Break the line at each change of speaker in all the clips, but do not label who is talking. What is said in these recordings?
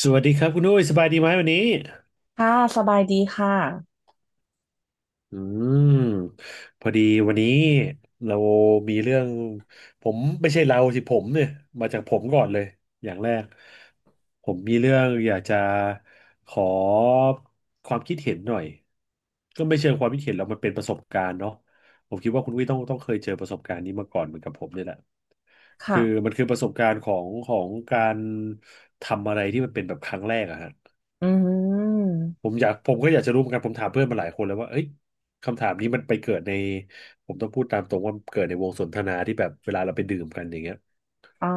สวัสดีครับคุณอุ้ยสบายดีไหมวันนี้
ค่ะสบายดีค่ะ
อืมพอดีวันนี้เรามีเรื่องผมไม่ใช่เราสิผมเนี่ยมาจากผมก่อนเลยอย่างแรกผมมีเรื่องอยากจะขอความคิดเห็นหน่อยก็ไม่เชิงความคิดเห็นเรามันเป็นประสบการณ์เนาะผมคิดว่าคุณอุ้ยต้องเคยเจอประสบการณ์นี้มาก่อนเหมือนกับผมเนี่ยแหละคื
ค่ะ
อมันคือประสบการณ์ของการทำอะไรที่มันเป็นแบบครั้งแรกอะฮะ
อืม
ผมก็อยากจะรู้เหมือนกันผมถามเพื่อนมาหลายคนแล้วว่าเอ้ยคำถามนี้มันไปเกิดในผมต้องพูดตามตรงว่ามันเกิดในวงสนทนาที่แบบเวลาเราไปดื่มกันอย่างเงี้ย
อ๋อ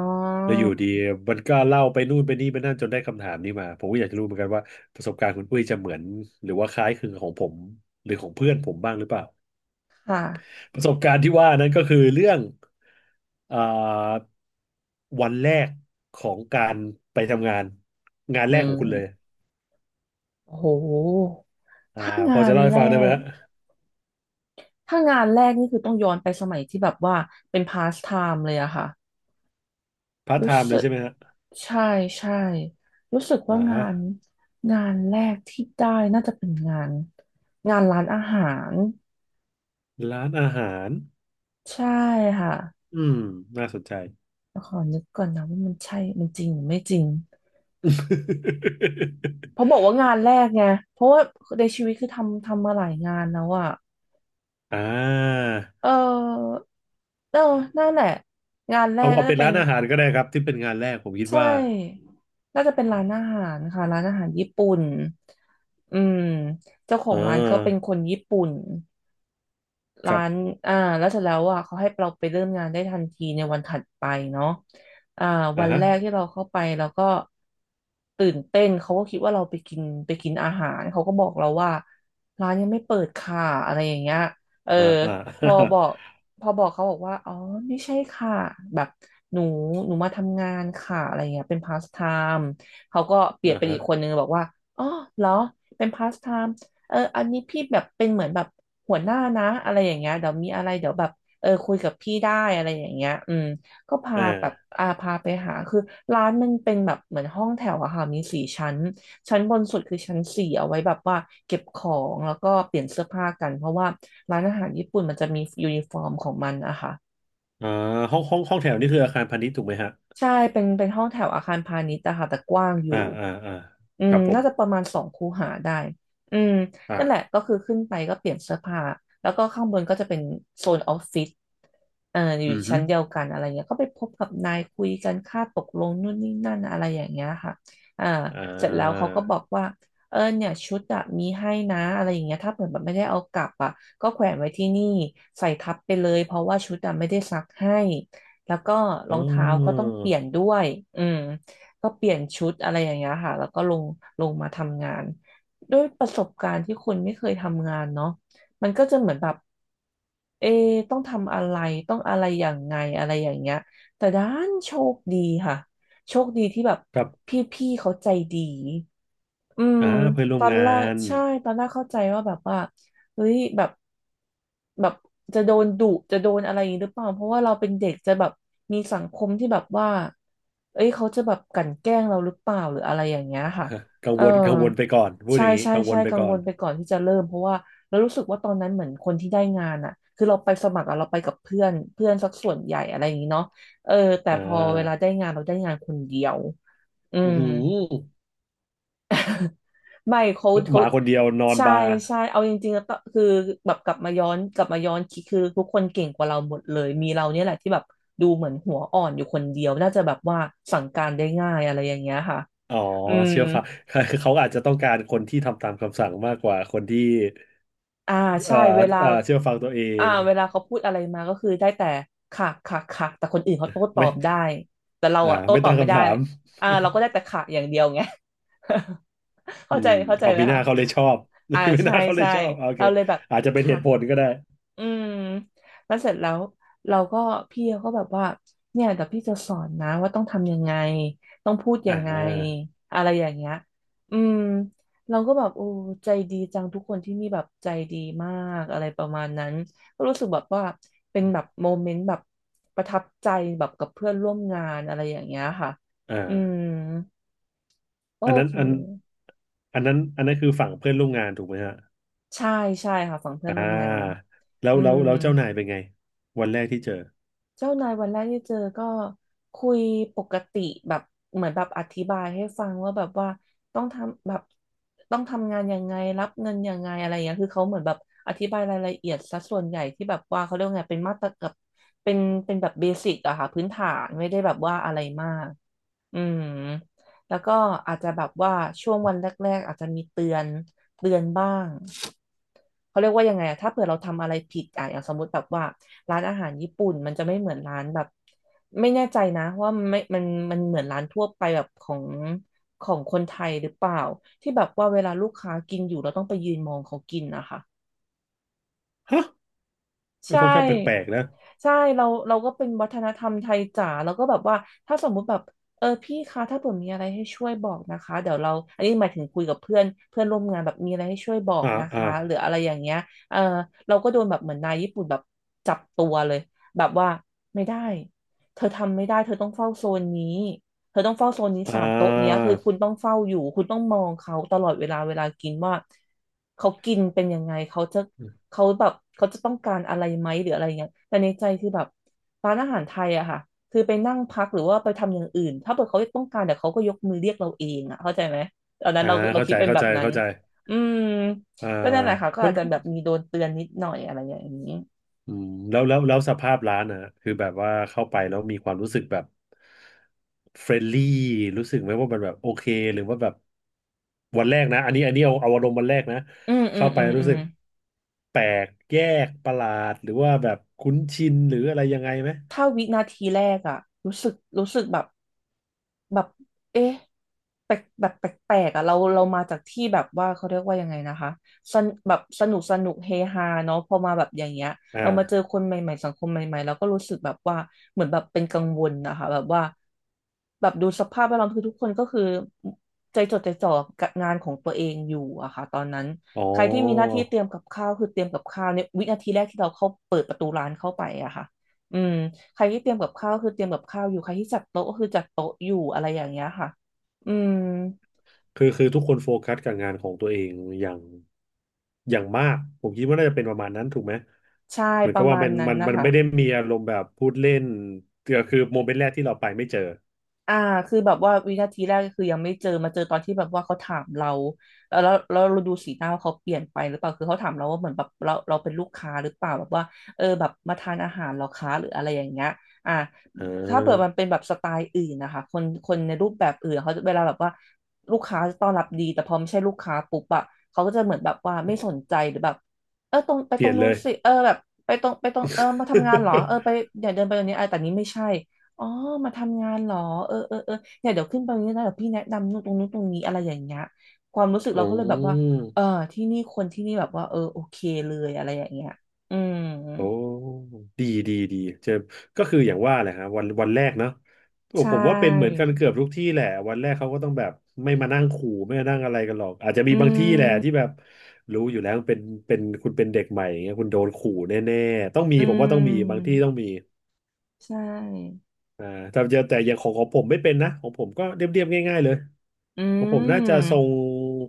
แล้วอยู่ดีมันก็เล่าไปนู่นไปนี่ไปนั่นจนได้คำถามนี้มา ผมก็อยากจะรู้เหมือนกันว่าประสบการณ์คุณอุ้ยจะเหมือนหรือว่าคล้ายคลึงกับของผมหรือของเพื่อนผมบ้างหรือเปล่า
ค่ะ
ประสบการณ์ที่ว่านั้นก็คือเรื่องเอ่อวันแรกของการไปทำงานงาน
อื
แรกของคุณเลย
มโอ้โห
อ่า
ถ้า
พ
งา
อจะ
น
เล่าให้
แร
ฟังได้ไหม
ก
ฮะ
นี่คือต้องย้อนไปสมัยที่แบบว่าเป็นพาส t ไทม์เลยอะค่ะ
พาร์ทไท
รู้
ม์เลย
สึก
ใช่ไหมฮะ
ใช่ใช่รู้สึก
อ่า
ว่างา
ฮะ
นแรกที่ได้น่าจะเป็นงานร้านอาหาร
ร้านอาหาร
ใช่ค่ะ
อืมน่าสนใจ
ขอนึกก่อนนะว่ามันใช่มันจริงหรือไม่จริง เพราะบอกว่างานแรกไง เพราะว่าในชีวิตคือทำมาหลายงานแล้วอ่ะ
อ่า
เออเออนั่นแหละงานแร
เอา
ก
เอา
น่า
เป็
จะ
น
เป็
ร้า
น
นอาหารก็ได้ครับที่เป็นงานแรกผมคิด
ใช
ว่า
่น่าจะเป็นร้านอาหารค่ะร้านอาหารญี่ปุ่นอืมเจ้าขอ
อ่
งร้านก็เป็น
า
คนญี่ปุ่น
ค
ร้า
รั
น
บ
อ่าแล้วเสร็จแล้วอ่ะเขาให้เราไปเริ่มงานได้ทันทีในวันถัดไปเนาะอ่า
อ่า
วัน
ฮะ
แรกที่เราเข้าไปเราก็ตื่นเต้น เขาก็คิดว่าเราไปกินอาหารเขาก็บอกเราว่าร้านยังไม่เปิดค่ะอะไรอย่างเงี้ยเออ
อ่าอ่า
พอบอกพอบอกเขาบอกว่าอ๋อไม่ใช่ค่ะแบบหนูมาทำงานค่ะอะไรเงี้ยเป็นพาสไทม์เขาก็เปลี่ยน
อ่า
เป็น
ฮะ
อีกคนนึงบอกว่าอ๋อเหรอเป็นพาสไทม์ เอออันนี้พี่แบบเป็นเหมือนแบบหัวหน้านะอะไรอย่างเงี้ยเดี๋ยวมีอะไรเดี๋ยวแบบเออคุยกับพี่ได้อะไรอย่างเงี้ยอืมก็พา
อ่
แบบ
า
อาพาไปหาคือร้านมันเป็นแบบเหมือนห้องแถวอะค่ะมีสี่ชั้นชั้นบนสุดคือชั้นสี่เอาไว้แบบว่าเก็บของแล้วก็เปลี่ยนเสื้อผ้ากันเพราะว่าร้านอาหารญี่ปุ่นมันจะมียูนิฟอร์มของมันอะคะ
อ่าห้องแถวนี่คืออาคารพาณิชย์ถูกไหมฮะ
ใช่เป็นห้องแถวอาคารพาณิชย์อะค่ะแต่กว้างอ
อ่า
ยู่
อ่าอ่า
อื
ค
ม
รับผม
น่าจะประมาณสองคูหาได้อืม
อ่า
นั่นแหละก็คือขึ้นไปก็เปลี่ยนเสื้อผ้าแล้วก็ข้างบนก็จะเป็นโซนออฟฟิศอยู่
อือฮึ
ชั้นเดียวกันอะไรเงี้ยก็ไปพบกับนายคุยกันค่าตกลงนู่นนี่นั่นอะไรอย่างเงี้ยค่ะอ่า
อ่
เสร็จแล้วเขา
า
ก็บอกว่าเออเนี่ยชุดอะมีให้นะอะไรอย่างเงี้ยถ้าเกิดแบบไม่ได้เอากลับอะก็แขวนไว้ที่นี่ใส่ทับไปเลยเพราะว่าชุดอะไม่ได้ซักให้ แล้วก็ร
อ๋
องเท้าก็ต้อ
อ
งเปลี่ยนด้วยอืมก็เปลี่ยนชุดอะไรอย่างเงี้ยค่ะแล้วก็ลงมาทำงานด้วยประสบการณ์ที่คุณไม่เคยทำงานเนาะมันก็จะเหมือนแบบเอะต้องทำอะไรต้องอะไรอย่างไงอะไรอย่างเงี้ยแต่ด้านโชคดีค่ะโชคดีที่แบบ
ครับ
พี่ๆเขาใจดี อืม
อ่าเพื่อนร่
ต
วม
อน
งา
แรก
น
ใช่ตอนแรกเข้าใจว่าแบบว่าเฮ้ยแบบแบบจะโดนดุจะโดนอะไรอย่างนี้หรือเปล่าเพราะว่าเราเป็นเด็กจะแบบมีสังคมที่แบบว่าเอ้ยเขาจะแบบกลั่นแกล้งเราหรือเปล่าหรืออะไรอย่างเงี้ยค่ะ
กัง
เออ
วลกังวลไปก่อนพูด
ใช่
อย่างนี้
ใช่
กังว
ใช่
ลไป
กัง
ก่อ
ว
น
ลไปก่อนที่จะเริ่มเพราะว่าเรารู้สึกว่าตอนนั้นเหมือนคนที่ได้งานอ่ะคือเราไปสมัครอะเราไปกับเพื่อนเพื่อนสักส่วนใหญ่อะไรอย่างนี้เนาะเออแต่
อ่
พอเวลาได้
า
งานเราได้งานคนเดียวอื
อือ
ม
หื
ไม่
อห
เขา
มาคนเดียวนอน
ใช่
บาร์
ใช่เอาจริงๆแล้วก็คือแบบกลับมาย้อนคิดคือทุกคนเก่งกว่าเราหมดเลยมีเราเนี่ยแหละที่แบบดูเหมือนหัวอ่อนอยู่คนเดียวน่าจะแบบว่าสั่งการได้ง่ายอะไรอย่างเงี้ยค่ะ
อ๋อ
อืม
เชื่อฟัง เขาอาจจะต้องการคนที่ทำตามคำสั่งมากกว่าคนที่
อ่า
เอ่
ใช่
อ
เวลา
เชื่อฟังตัวเอ
อ่า
ง
เวลาเขาพูดอะไรมาก็คือได้แต่ค่ะค่ะค่ะแต่คนอื่นเขาโต้ตอ
ไม่
บได้แต่เรา
อ่า
อะโต้
ไม่
ตอ
ตั้
บ
ง
ไม่
คำ
ได้
ถาม
อ่าเราก็ได้แต่ค่ะอย่างเดียวไง
อื
เข้าใจ
มออ
ไหม
มีหน้า
คะ
เขาเลยชอบ
อ่า
มีห
ใช่
น้าเขาเลย
ใช่
ชอบโอเค
เราเลยแบบ
อาจจะเป็นเห
ค่ะ
ตุผลก็ได้
อืมแล้วเสร็จแล้วเราก็พี่เขาก็แบบว่าเนี่ยแต่พี่จะสอนนะว่าต้องทำยังไงต้องพูด
อ่
ยังไง
า
อะไรอย่างเงี้ยอืมเราก็แบบโอ้ใจดีจังทุกคนที่นี่แบบใจดีมากอะไรประมาณนั้นก็รู้สึกแบบว่าเป็นแบบโมเมนต์แบบประทับใจแบบกับเพื่อนร่วมงานอะไรอย่างเงี้ยค่ะ
อ่
อืม
า
โอ
อันนั้น
เค
อันอันนั้นอันนั้นคือฝั่งเพื่อนร่วมงานถูกไหมฮะ
ใช่ใช่ค่ะฝั่งเพื่อ
อ่
นร่วมงาน
าแล้
อื
วแล้ว
ม
แล้วเจ้านายเป็นไงวันแรกที่เจอ
เจ้านายวันแรกที่เจอก็คุยปกติแบบเหมือนแบบอธิบายให้ฟังว่าแบบว่าต้องทำแบบต้องทำงานยังไงรับเงินยังไงอะไรอย่างเงี้ยคือเขาเหมือนแบบอธิบายรายละเอียดซะส่วนใหญ่ที่แบบว่าเขาเรียกว่าไงเป็นมาตรกับเป็นเป็นแบบเบสิกอะค่ะพื้นฐานไม่ได้แบบว่าอะไรมากอืมแล้วก็อาจจะแบบว่าช่วงวันแรกๆอาจจะมีเตือนบ้าง เขาเรียกว่ายังไงอะถ้าเผื่อเราทำอะไรผิดอะอย่างสมมติแบบว่าร้านอาหารญี่ปุ่นมันจะไม่เหมือนร้านแบบไม่แน่ใจนะว่ามันไม่มันเหมือนร้านทั่วไปแบบของคนไทยหรือเปล่าที่แบบว่าเวลาลูกค้ากินอยู่เราต้องไปยืนมองเขากินนะคะ
ฮะเป็น
ใช่
คนข้างแปลกๆนะ
ใช่เราก็เป็นวัฒนธรรมไทยจ๋าแล้วก็แบบว่าถ้าสมมุติแบบเออพี่คะถ้าผมมีอะไรให้ช่วยบอกนะคะเดี๋ยวเราอันนี้หมายถึงคุยกับเพื่อนเพื่อนร่วมงานแบบมีอะไรให้ช่วยบอก
อ่า
นะ
อ่า
คะหรืออะไรอย่างเงี้ยเออเราก็โดนแบบเหมือนนายญี่ปุ่นแบบจับตัวเลยแบบว่าไม่ได้เธอทำไม่ได้เธอต้องเฝ้าโซนนี้เธอต้องเฝ้าโซนนี้
อ่
สามโต๊ะเนี้ย
า
คือคุณต้องเฝ้าอยู่คุณต้องมองเขาตลอดเวลาเวลากินว่าเขากินเป็นยังไงเขาแบบเขาจะต้องการอะไรไหมหรืออะไรเงี้ยแต่ในใจคือแบบร้านอาหารไทยอะค่ะคือไปนั่งพักหรือว่าไปทำอย่างอื่นถ้าเกิดเขาต้องการเดี๋ยวเขาก็ยกมือเรียกเราเองอะเข้าใจไหมตอนนั้น
อ่า
เรา
เข้า
คิ
ใจ
ดเป็น
เข้า
แบบ
ใจ
นั้น
เข้าใจ
อืม
อ่า
ก็นั่นแหละค่ะก็
มั
อา
น
จจะแบบมีโดนเตือนนิดหน่อยอะไรอย่างนี้
อืมแล้วสภาพร้านอ่ะคือแบบว่าเข้าไปแล้วมีความรู้สึกแบบเฟรนลี่รู้สึกไหมว่ามันแบบโอเคหรือว่าแบบวันแรกนะอันนี้เอาอารมณ์วันแรกนะ
อืมอื
เข้า
ม
ไป
อืม
รู้
อืม
สึกแปลกแยกประหลาดหรือว่าแบบคุ้นชินหรืออะไรยังไงไหม
ถ้าวินาทีแรกอะรู้สึกรู้สึกแบบเอ๊ะแปลกแบบแปลกๆอะเรามาจากที่แบบว่าเขาเรียกว่ายังไงนะคะสนแบบสนุกสนุกเฮฮาเนาะพอมาแบบอย่างเงี้ย
อ่า
เรามาเจอคนใหม่ๆสังคมใหม่ๆเราก็รู้สึกแบบว่าเหมือนแบบเป็นกังวลนะคะแบบว่าแบบดูสภาพแวดล้อมคือทุกคนก็คือใจจดใจจ่อกับงานของตัวเองอยู่อะค่ะตอนนั้น
อ๋อ
ใครที่มีหน้าที่เตรียมกับข้าวคือเตรียมกับข้าวในวินาทีแรกที่เราเข้าเปิดประตูร้านเข้าไปอะค่ะอืม ใครที่เตรียมกับข้าวคือเตรียมกับข้าวอยู่ใครที่จัดโต๊ะก็คือจัดโต๊ะอยู่อะไรอย่างเงี้ยค่ะ อืม
คือทุกคนโฟกัสกับงานของตัวเองอย่างอย่างมากผมคิดว่าน่าจะเป็นประมาณนั้นถูกไหม
ใช่
เหมือ
ป
นกั
ระ
บว่า
มาณ
มัน
นั้น
มัน
นะ
มัน
คะ
ไม่ได้มีอารมณ์แบบพูดเล่นก็คือโมเมนต์แรกที่เราไปไม่เจอ
อ่าคือแบบว่าวินาทีแรกก็คือยังไม่เจอมาเจอตอนที่แบบว่าเขาถามเราแล้วเราดูสีหน้าว่าเขาเปลี่ยนไปหรือเปล่าคือเขาถามเราว่าเหมือนแบบเราเป็นลูกค้าหรือเปล่าแบบว่าเออแบบมาทานอาหารเหราค้าหรืออะไรอย่างเงี้ยอ่า
อ่
ถ้าเปิดมัน
า
เป็นแบบสไตล์อื่นนะคะคนคนในรูปแบบอื่นเขาจะเวลาแบบว่าลูกค้าจะต้อนรับดีแต่พอไม่ใช่ลูกค้าปุ๊บอะเขาก็จะเหมือนแบบว่าไม่สนใจหรือแบบเออตรงไป
เป
ตร
ลี่ย
ง
น
นู้
เล
น
ย
สิเออแบบไปตรงเออมาทำงานเหรอเอ อไปอย่าเดินไปตรงนี้ไอ้แต่นี้ไม่ใช่ อ๋อมาทำงานเหรอเออเออเออเนี่ยเดี๋ยวขึ้นไปตรงนี้นะเดี๋ยวพี่แนะนำนู่นตรงนู้นตรงนี้อะไรอย่างเงี้ยความรู้สึกเรา
อ๋อ
ก็เลยแบบว่าเออที่นี่คนที่นี่แบบว่าเออโอเคเลยอะไรอย่างเงี้ยอืม
โอ้ดีดีดีเจอก็คืออย่างว่าแหละครับวันวันแรกเนาะโอ้
ใช่
ผมว่าเป็นเหมือนกันเกือบทุกที่แหละวันแรกเขาก็ต้องแบบไม่มานั่งขู่ไม่มานั่งอะไรกันหรอกอาจจะมี
อื
บางที่แหละที่แบ
ม
บรู้อยู่แล้วเป็นเป็นคุณเป็นเด็กใหม่อย่างเงี้ยคุณโดนขู่แน่ๆต้องมี
อื
ผมว่าต้องมีบาง
ม
ที่ต้องมี
ใช่
อ่าแต่จะแต่อย่างของของผมไม่เป็นนะของผมก็เรียบๆง่ายๆเลย
อื
ของผมน่าจะทรง
ม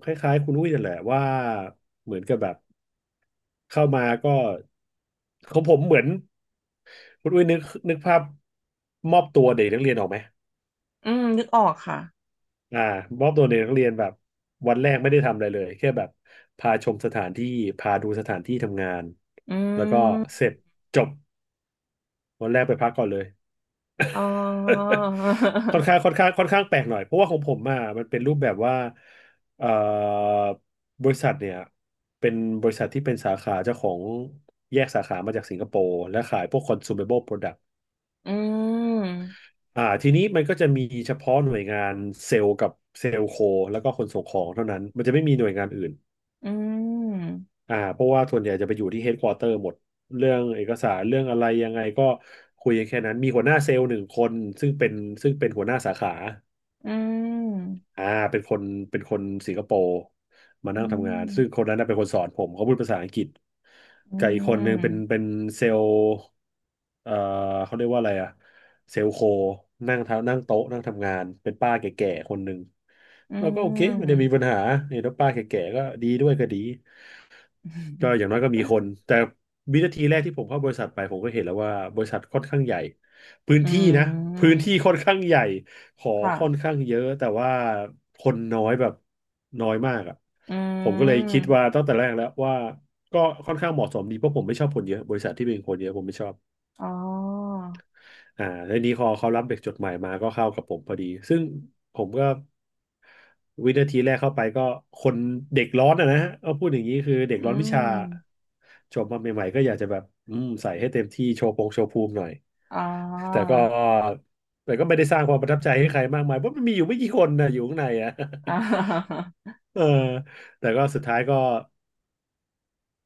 คล้ายๆคุณอุ้ยนั่นแหละว่าเหมือนกับแบบเข้ามาก็ของผมเหมือน คุณอุ้ยนึกนึกภาพมอบตัวเด็กนักเรียนออกไหม
อืมนึกออกค่ะ
อ่ามอบตัวเด็กนักเรียนแบบวันแรกไม่ได้ทำอะไรเลยแค่แบบพาชมสถานที่พาดูสถานที่ทำงาน
อื
แล้วก็เส
ม
ร็จจบวันแรกไปพักก่อนเลย
อ๋อ
ค่อนข้างแปลกหน่อยเพราะว่าของผมอ่ะมันเป็นรูปแบบว่าเอ่อบริษัทเนี่ยเป็นบริษัทที่เป็นสาขาเจ้าของแยกสาขามาจากสิงคโปร์และขายพวก consumable product
อืม
อ่าทีนี้มันก็จะมีเฉพาะหน่วยงานเซลล์กับเซลล์โคแล้วก็คนส่งของเท่านั้นมันจะไม่มีหน่วยงานอื่น
อืม
อ่าเพราะว่าส่วนใหญ่จะไปอยู่ที่เฮดควอเตอร์หมดเรื่องเอกสารเรื่องอะไรยังไงก็คุยกันแค่นั้นมีหัวหน้าเซลล์หนึ่งคนซึ่งเป็นซึ่งเป็นหัวหน้าสาขา
อืม
อ่าเป็นคนเป็นคนสิงคโปร์มา
อื
นั่งทำงานซึ่งค
ม
นนั้นน่ะเป็นคนสอนผมเขาพูดภาษาอังกฤษ
อื
กับอีกคนนึงเป็น
ม
เป็นเซลล์เอ่อเขาเรียกว่าอะไรอะเซลล์โคนั่งโต๊ะนั่งทำงานเป็นป้าแก่ๆคนหนึ่ง
อื
เราก็โอเคไม่ได้มีปัญ
ม
หาเนี่ยแล้วป้าแก่ๆก็ดีด้วยก็ดี ก็อย่างน้อยก็มี คนแต่วินาทีแรกที่ผมเข้าบริษัทไปผมก็เห็นแล้วว่าบริษัทค่อนข้างใหญ่พื้น
อื
ที่นะพื้น
ม
ที่ค่อนข้างใหญ่ขอค่อน
ค่ะ
ข้างเยอะแต่ว่าคนน้อยแบบน้อยมากอ่ะ
อื
ผมก็เลยคิด
ม
ว่าตั้งแต่แรกแล้วว่าก็ค่อนข้างเหมาะสมดีเพราะผมไม่ชอบคนเยอะบริษัทที่เป็นคนเยอะผมไม่ชอบ
อ๋อ
แล้วนี้พอเขารับเด็กจดใหม่มาก็เข้ากับผมพอดีซึ่งผมก็วินาทีแรกเข้าไปก็คนเด็กร้อนอะนะฮะเอาพูดอย่างนี้คือเด็ก
อื
ร้อนวิ
ม
ชาจบมาใหม่ๆก็อยากจะแบบใส่ให้เต็มที่โชว์พงโชว์ภูมิหน่อย
อ๋อ
แต่ก็แต่ก็ไม่ได้สร้างความประทับใจให้ใครมากมายเพราะมันมีอยู่ไม่กี่คนนะอยู่ข้างในอะ
อ่า
เออแต่ก็สุดท้ายก็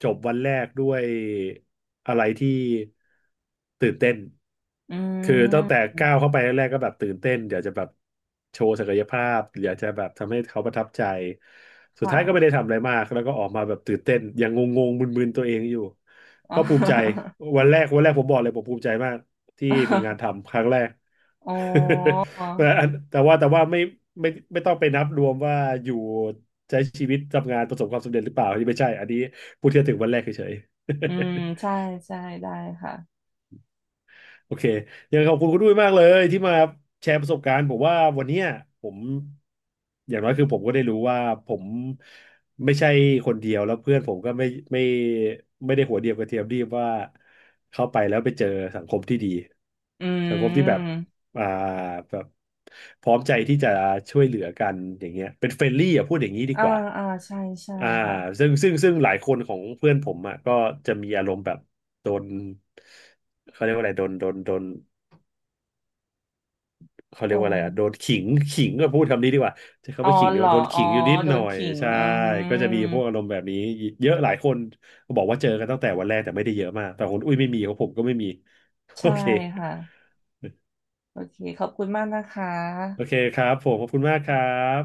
จบวันแรกด้วยอะไรที่ตื่นเต้น
อื
คือตั้งแต่
ม
ก้าวเข้าไปแรกๆก็แบบตื่นเต้นอยากจะแบบโชว์ศักยภาพอยากจะแบบทำให้เขาประทับใจ สุด
ค่ะ
ท้ายก็ไม่ได้ทำอะไรมากแล้วก็ออกมาแบบตื่นเต้นยังงงๆมึนๆตัวเองอยู่
อ๋อ
ก็ภูมิใจวันแรกวันแรกผมบอกเลยผมภูมิใจมากที่มีงานทำครั้งแรก
โอ้
แต่ว่าไม่ต้องไปนับรวมว่าอยู่ใช้ชีวิตทำงานประสบความสำเร็จหรือเปล่าอันนี้ไม่ใช่อันนี้พูดแค่ถึงวันแรกเฉย
อืมใช่ใช่ได้ค่ะ
โอเคยังขอบคุณคุณด้วยมากเลยที่มาแชร์ประสบการณ์ผมว่าวันเนี้ยผมอย่างน้อยคือผมก็ได้รู้ว่าผมไม่ใช่คนเดียวแล้วเพื่อนผมก็ไม่ไม่ได้หัวเดียวกับเทียมดีบว่าเข้าไปแล้วไปเจอสังคมที่ดี
อื
สังคมที่แบบ
ม
อ่าแบบพร้อมใจที่จะช่วยเหลือกันอย่างเงี้ยเป็นเฟรนลี่อ่ะพูดอย่างนี้ดี
อ่า
กว่า
อ่าใช่ใช่
อ่า
ค่ะ
ซึ่งหลายคนของเพื่อนผมอ่ะก็จะมีอารมณ์แบบ โดนเขาเรียกว่าอะไรโดนเขา
โด
เรียกว่า
น
อะไรอ่ะโดนขิง ขิงก็พูดคำนี้ดีกว่าใช้
อ๋
คำ
อ
ว่าขิงดี
เหร
ก
อ
ว่าโดน
อ๋อ
ขิงอยู่นิด
โด
หน่อ
น
ย
ขิง
ใช่
อื
ก็จะมีพ
ม
วกอารมณ์แบบนี้เยอะหลายคนบอกว่าเจอกันตั้งแต่วันแรกแต่ไม่ได้เยอะมากแต่คนอุ้ยไม่มีของผมก็ไม่มี โอ
ใช่
เค
ค่ะโอเคขอบคุณมากนะคะ
ครับผมขอบคุณมากครับ